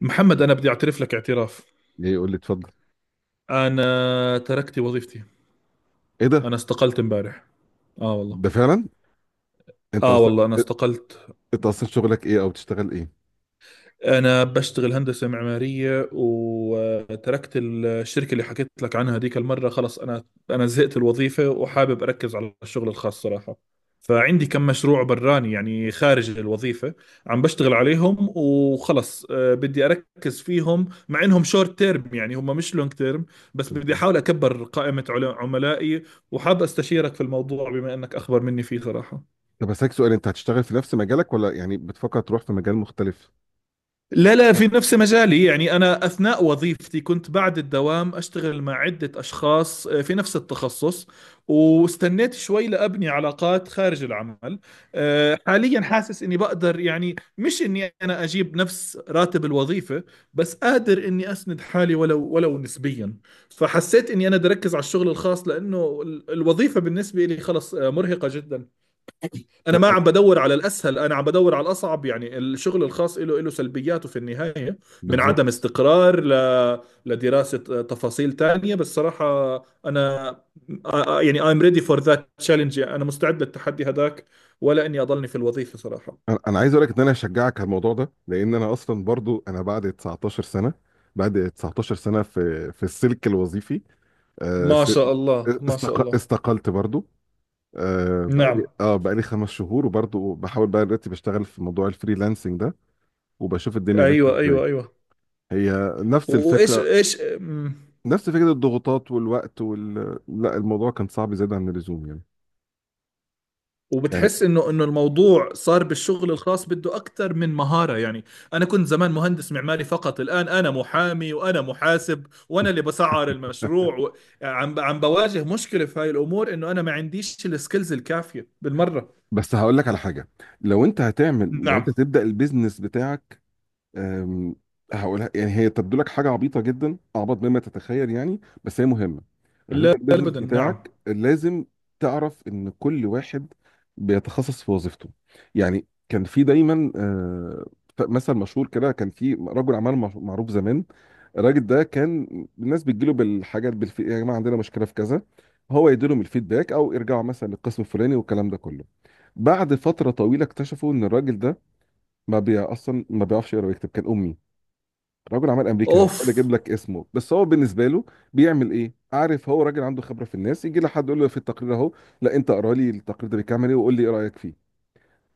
محمد، انا بدي اعترف لك اعتراف. ليه؟ يقول لي اتفضل. انا تركت وظيفتي. ايه ده؟ انا استقلت امبارح. اه والله. ده فعلا؟ انت اه اصلا والله انا استقلت. انت اصلا شغلك ايه، او بتشتغل ايه؟ أنا بشتغل هندسة معمارية وتركت الشركة اللي حكيت لك عنها هذيك المرة. خلص أنا زهقت الوظيفة وحابب أركز على الشغل الخاص صراحة. فعندي كم مشروع براني، يعني خارج الوظيفة. عم بشتغل عليهم وخلص، بدي أركز فيهم مع إنهم شورت تيرم، يعني هم مش لونج تيرم. بس بدي أحاول أكبر قائمة عملائي. وحاب أستشيرك في الموضوع بما إنك أخبر مني فيه صراحة. طب هسألك سؤال، انت هتشتغل في نفس مجالك ولا يعني بتفكر تروح في مجال مختلف؟ لا، لا، في نفس مجالي. يعني أنا أثناء وظيفتي كنت بعد الدوام أشتغل مع عدة أشخاص، في نفس التخصص. واستنيت شوي لأبني علاقات خارج العمل. حاليا حاسس إني بقدر، يعني مش إني أنا أجيب نفس راتب الوظيفة، بس قادر إني أسند حالي، ولو نسبيا. فحسيت إني أنا بدي أركز على الشغل الخاص، لأنه الوظيفة بالنسبة لي خلص، مرهقة جدا. انا أنا- ما عم أنا- بدور على الاسهل، انا عم بدور على الاصعب. يعني الشغل الخاص له سلبياته في النهايه، من عدم بالظبط. استقرار لدراسه تفاصيل تانية. بس صراحه انا يعني I'm ready for that challenge. يعني انا مستعد للتحدي هذاك، ولا اني اضلني في الوظيفه صراحه. انا عايز اقول لك ان انا هشجعك على الموضوع ده، لان انا اصلا برضو انا بعد 19 سنه، في السلك الوظيفي. آه، ما س- شاء الله ما شاء الله. استقلت برضو. بقالي نعم. بقالي 5 شهور، وبرضو بحاول بقى دلوقتي بشتغل في موضوع الفريلانسنج ده، وبشوف الدنيا ماشيه ايوه ايوه ازاي. ايوه. هي نفس و- وايش الفكره، ايش؟ نفس فكرة الضغوطات والوقت لا، الموضوع كان صعب زيادة عن اللزوم يعني. وبتحس انه الموضوع صار بالشغل الخاص بده اكثر من مهاره، يعني... انا كنت زمان مهندس معماري فقط. الان انا محامي وانا محاسب وانا اللي بسعر المشروع عم بواجه مشكله في هاي الامور، انه انا ما عنديش السكيلز الكافيه بالمره. بس هقول لك على حاجة، لو انت هتعمل، لو انت نعم. تبدأ البيزنس بتاعك، أم، هقولها. يعني هي تبدو لك حاجه عبيطه جدا، اعبط مما تتخيل يعني، بس هي مهمه. لما لا تبدا البيزنس ابدا. نعم. بتاعك لازم تعرف ان كل واحد بيتخصص في وظيفته. يعني كان في دايما مثل مشهور كده، كان في رجل اعمال معروف زمان. الراجل ده كان الناس بتجيله بالحاجات، يا جماعه عندنا مشكله في كذا، هو يديلهم الفيدباك او يرجعوا مثلا للقسم الفلاني والكلام ده كله. بعد فتره طويله اكتشفوا ان الراجل ده ما بي اصلا ما بيعرفش يقرا ويكتب، كان امي. راجل عمل امريكا، اوف. هحاول اجيب لك اسمه. بس هو بالنسبه له بيعمل ايه؟ عارف، هو راجل عنده خبره في الناس، يجي لحد يقول له في التقرير اهو، لا انت اقرا لي التقرير ده بيكمل ايه وقول لي ايه رايك فيه.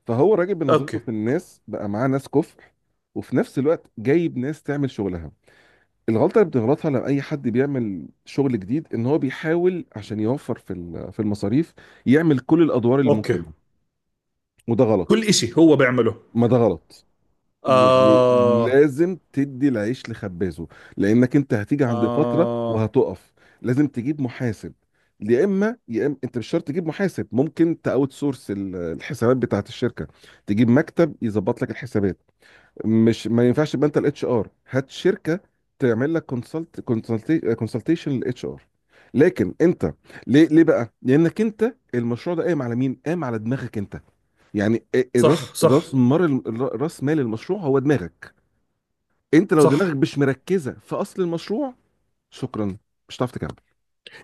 فهو راجل بنظرته اوكي. في الناس بقى معاه ناس كفء، وفي نفس الوقت جايب ناس تعمل شغلها. الغلطه اللي بتغلطها لما اي حد بيعمل شغل جديد، ان هو بيحاول عشان يوفر في في المصاريف، يعمل كل الادوار اللي اوكي. ممكنه. وده كل غلط، اشي هو بيعمله. ما ده غلط يعني. آه. لازم تدي العيش لخبازه، لانك انت هتيجي عند فتره آه، وهتقف. لازم تجيب محاسب، يا اما انت مش شرط تجيب محاسب، ممكن تاوت سورس الحسابات بتاعت الشركه، تجيب مكتب يظبط لك الحسابات. مش، ما ينفعش يبقى انت الاتش ار، هات شركه تعمل لك كونسلت، كونسلتيشن للاتش ار. لكن انت، ليه بقى؟ لانك انت المشروع ده قايم على مين؟ قايم على دماغك انت. يعني راس صح صح راس مال راس مال المشروع هو دماغك انت. لو صح. دماغك مش مركزه في اصل المشروع، شكرا، مش هتعرف تكمل،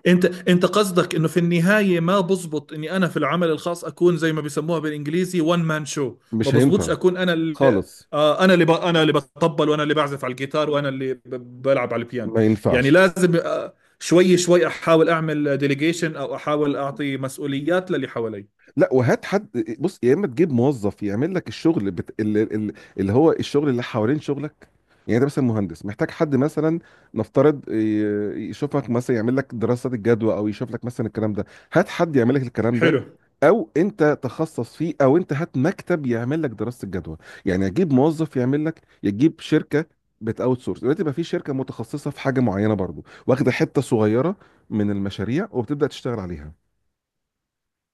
انت قصدك انه في النهايه ما بزبط اني انا في العمل الخاص اكون زي ما بيسموها بالانجليزي وان مان شو. ما مش بزبطش هينفع اكون انا اللي خالص، انا اللي انا اللي بطبل، وانا اللي بعزف على الجيتار، وانا اللي بلعب على البيانو. ما يعني ينفعش. لازم شوي شوي احاول اعمل ديليجيشن، او احاول اعطي مسؤوليات للي حوالي. لا، وهات حد. بص، يا اما تجيب موظف يعمل لك الشغل، اللي, اللي هو الشغل اللي حوالين شغلك. يعني انت مثلا مهندس، محتاج حد مثلا نفترض يشوفك، مثلا يعمل لك دراسات الجدوى، او يشوف لك مثلا الكلام ده. هات حد يعمل لك الكلام ده، حلو. او انت تخصص فيه، او انت هات مكتب يعمل لك دراسة الجدوى. يعني اجيب موظف يعمل لك، يجيب شركة، بت اوت سورس. دلوقتي بقى في شركة متخصصة في حاجة معينة برضو، واخدة حتة صغيرة من المشاريع وبتبدأ تشتغل عليها.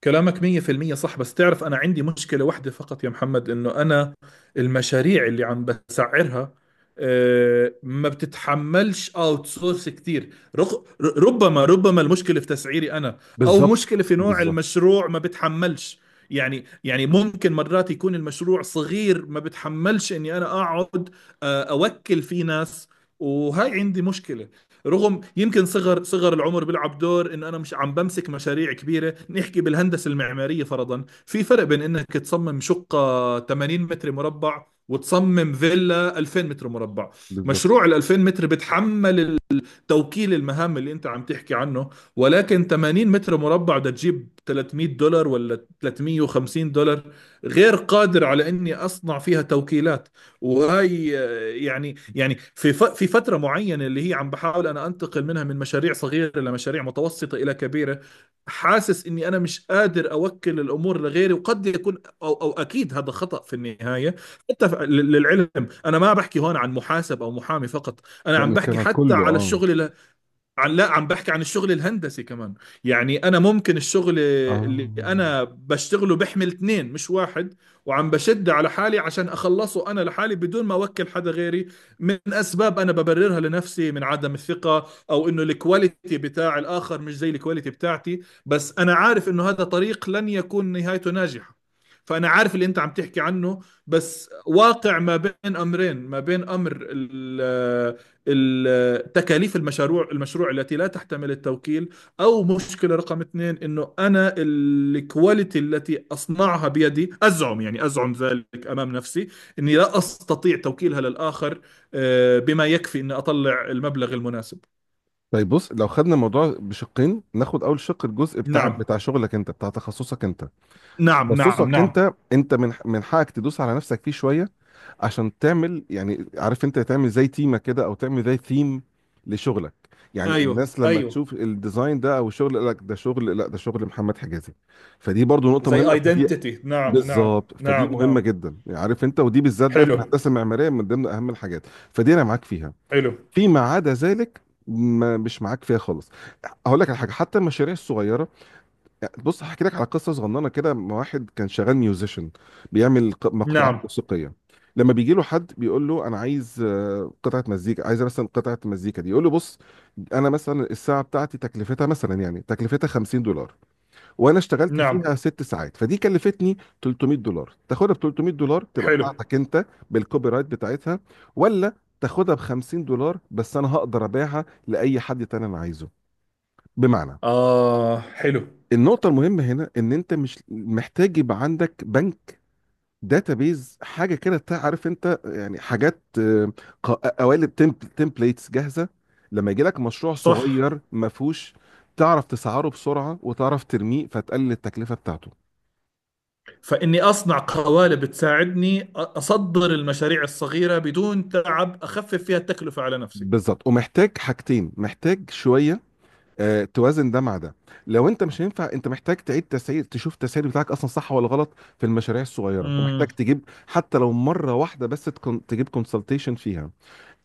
كلامك 100% صح. بس تعرف أنا عندي مشكلة واحدة فقط يا محمد، إنه أنا المشاريع اللي عم بسعرها، ما بتتحملش اوت سورس كتير. ربما المشكلة في تسعيري أنا، أو بالظبط. مشكلة في نوع بالظبط. المشروع ما بتحملش. يعني ممكن مرات يكون المشروع صغير ما بتحملش إني أنا أقعد، أوكل فيه ناس. وهاي عندي مشكلة. رغم يمكن صغر العمر بيلعب دور، انه انا مش عم بمسك مشاريع كبيره. نحكي بالهندسه المعماريه فرضا، في فرق بين انك تصمم شقه 80 متر مربع وتصمم فيلا 2000 متر مربع. بالظبط. مشروع ال 2000 متر بتحمل توكيل المهام اللي انت عم تحكي عنه. ولكن 80 متر مربع بدها تجيب 300 دولار ولا 350 دولار، غير قادر على اني اصنع فيها توكيلات. وهي... يعني في في فتره معينه اللي هي عم بحاول انا انتقل منها من مشاريع صغيره لمشاريع متوسطه الى كبيره. حاسس اني انا مش قادر اوكل الامور لغيري، وقد يكون او اكيد هذا خطا في النهايه. حتى للعلم، انا ما بحكي هون عن محاسب او محامي فقط، انا لا، عم بنتكلم بحكي عن حتى كله على اه. الشغل. لا، عم بحكي عن الشغل الهندسي كمان. يعني انا ممكن الشغل اه. اللي انا بشتغله بحمل اثنين مش واحد، وعم بشد على حالي عشان اخلصه انا لحالي بدون ما اوكل حدا غيري. من اسباب انا ببررها لنفسي، من عدم الثقة، او انه الكواليتي بتاع الاخر مش زي الكواليتي بتاعتي. بس انا عارف انه هذا طريق لن يكون نهايته ناجحة. فأنا عارف اللي أنت عم تحكي عنه. بس واقع ما بين أمرين، ما بين أمر تكاليف المشروع التي لا تحتمل التوكيل. أو مشكلة رقم اثنين، أنه أنا الكواليتي التي أصنعها بيدي أزعم، يعني أزعم ذلك أمام نفسي أني لا أستطيع توكيلها للآخر بما يكفي أني أطلع المبلغ المناسب. طيب بص، لو خدنا الموضوع بشقين، ناخد اول شق الجزء بتاع نعم بتاع شغلك انت، بتاع تخصصك انت. نعم نعم تخصصك نعم. انت، انت من حقك تدوس على نفسك فيه شويه، عشان تعمل يعني، عارف انت، تعمل زي تيمه كده، او تعمل زي ثيم لشغلك. يعني أيوه الناس لما أيوه. تشوف الديزاين ده او الشغل يقول لك ده شغل، لا، ده شغل محمد حجازي. فدي برضو نقطه زي مهمه فدي. ايدنتيتي. نعم نعم بالظبط، فدي نعم نعم. مهمه جدا يعني، عارف انت، ودي بالذات بقى في حلو. الهندسه المعماريه من ضمن اهم الحاجات. فدي انا معاك فيها. حلو. فيما عدا ذلك، ما مش معاك فيها خالص. هقول لك على حاجه، حتى المشاريع الصغيره، يعني بص هحكي لك على قصه صغننه كده. مع واحد كان شغال ميوزيشن، بيعمل مقطوعات نعم موسيقيه، لما بيجي له حد بيقول له انا عايز قطعه مزيكا، عايز مثلا قطعه مزيكا دي، يقول له بص، انا مثلا الساعه بتاعتي تكلفتها مثلا، يعني تكلفتها 50 دولار، وانا اشتغلت نعم. فيها 6 ساعات، فدي كلفتني 300 دولار. تاخدها ب 300 دولار تبقى حلو. بتاعتك انت بالكوبي رايت بتاعتها، ولا تاخدها ب 50 دولار بس انا هقدر ابيعها لاي حد تاني انا عايزه؟ بمعنى، آه. حلو. النقطة المهمة هنا ان انت مش محتاج يبقى عندك بنك داتابيز، حاجة كده تعرف انت، يعني حاجات قوالب، تمبليتس جاهزة، لما يجي لك مشروع صح. صغير ما فيهوش، تعرف تسعره بسرعة وتعرف ترميه، فتقلل التكلفة بتاعته. فإني أصنع قوالب تساعدني أصدر المشاريع الصغيرة بدون تعب، أخفف فيها التكلفة على نفسي. بالظبط. ومحتاج حاجتين، محتاج شويه توازن ده مع ده. لو انت مش، هينفع انت محتاج تعيد تسعير، تشوف التسعير بتاعك اصلا صح ولا غلط في المشاريع الصغيره. ومحتاج مم. تجيب، حتى لو مره واحده بس، تكون تجيب كونسلتيشن فيها.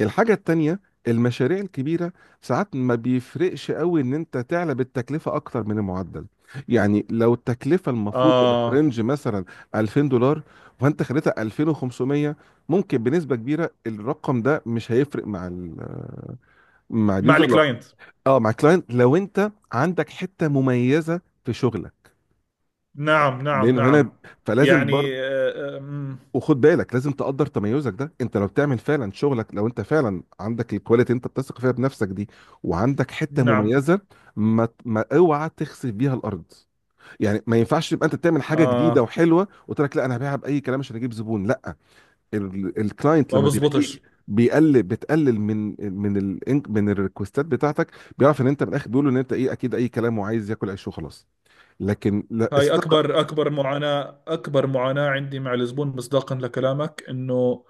الحاجه التانيه، المشاريع الكبيره، ساعات ما بيفرقش قوي ان انت تعلى بالتكلفه اكتر من المعدل. يعني لو التكلفه المفروض تبقى في آه. رينج مثلا 2000 دولار، فانت خليتها 2500، ممكن بنسبه كبيره الرقم ده مش هيفرق مع ال، مع مع اليوزر، لا الكلاينت. اه، مع كلاينت، لو انت عندك حته مميزه في شغلك، نعم نعم لانه نعم. هنا فلازم يعني برضه. وخد بالك، لازم تقدر تميزك ده، انت لو بتعمل فعلا شغلك، لو انت فعلا عندك الكواليتي انت بتثق فيها بنفسك دي، وعندك حته نعم. مميزه، ما اوعى تخسف بيها الارض. يعني ما ينفعش تبقى انت تعمل حاجه جديده آه. وحلوه، وتقول لك لا انا هبيعها باي كلام عشان اجيب زبون، لا. الكلاينت ما لما بيلاقيك بزبطش. بيقلل، بتقلل من ال، من الريكوستات بتاعتك. بيعرف ان انت من الاخر، بيقول ان انت ايه، اكيد اي كلام وعايز ياكل عيش وخلاص. لكن لا، هاي الثقه. أكبر معاناة، أكبر معاناة عندي مع الزبون، مصداقا لكلامك إنه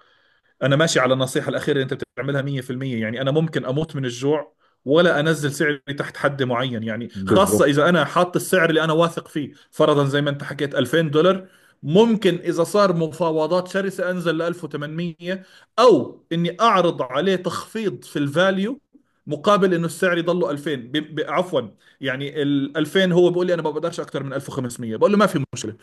انا ماشي على النصيحه الاخيره اللي انت بتعملها 100%. يعني انا ممكن اموت من الجوع ولا انزل سعري تحت حد معين، يعني خاصه بالظبط. اذا انا حاط السعر اللي انا واثق فيه، فرضا زي ما انت حكيت 2000 دولار. ممكن اذا صار مفاوضات شرسه انزل ل 1800، او اني اعرض عليه تخفيض في الفاليو مقابل انه السعر يضله 2000 عفوا. يعني ال 2000 هو بيقول لي انا ما بقدرش اكتر من 1500، بقول له ما في مشكله.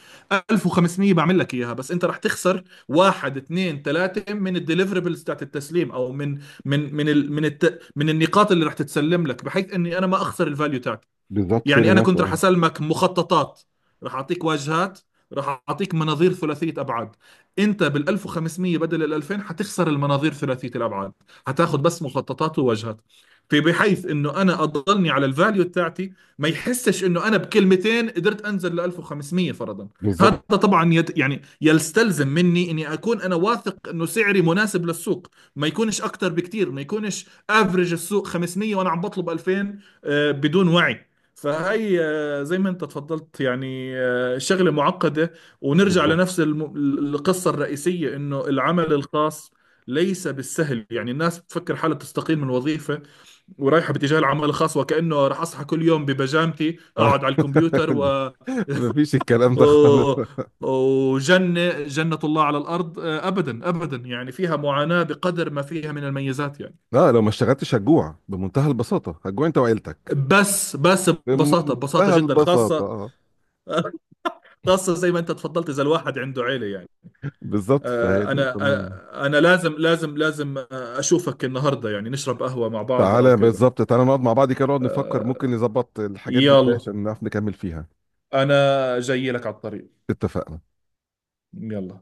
1500 بعمل لك اياها، بس انت رح تخسر واحد، اثنين، ثلاثه من الديليفربلز تاعت التسليم، او من من من ال من الت من النقاط اللي رح تتسلم لك، بحيث اني انا ما اخسر الفاليو تاعتي. بالظبط. فير يعني انا انف كنت رح اه. اسلمك مخططات، رح اعطيك واجهات، رح اعطيك مناظير ثلاثيه ابعاد. انت بال 1500 بدل ال 2000 حتخسر المناظير ثلاثيه الابعاد، حتاخذ بس مخططات وواجهات. في بحيث انه انا اضلني على الفاليو تاعتي، ما يحسش انه انا بكلمتين قدرت انزل ل 1500 فرضا. هذا بالظبط. طبعا يعني يستلزم مني اني اكون انا واثق انه سعري مناسب للسوق، ما يكونش اكتر بكتير، ما يكونش افرج السوق 500 وانا عم بطلب 2000، بدون وعي. فهي زي ما انت اتفضلت، يعني شغلة معقدة. ونرجع بالظبط. لنفس القصة الرئيسية، انه العمل الخاص ليس بالسهل. يعني الناس بتفكر حالها تستقيل من وظيفة ورايحة باتجاه العمل الخاص وكأنه راح أصحى كل يوم ببجامتي آه. أقعد على الكمبيوتر مفيش الكلام ده خالص. و- وجنة الله على الأرض. أبدا أبدا، يعني فيها معاناة بقدر ما فيها من الميزات يعني. لا، لو ما اشتغلتش هتجوع بمنتهى البساطه، هتجوع انت وعيلتك. بس ببساطة، ببساطة بمنتهى جدا، البساطه خاصة. اه. خاصة زي ما أنت تفضلت، إذا الواحد عنده عيلة يعني. بالظبط، فهي آه، دي أنا نقطة مهمة. أنا لازم لازم لازم أشوفك النهاردة، يعني نشرب قهوة مع بعض أو تعالى كذا. بالظبط، تعالى نقعد مع بعض كده، نقعد نفكر ممكن نظبط الحاجات دي ازاي يلا. عشان نعرف نكمل فيها. أنا جاي لك على الطريق. اتفقنا. يلا.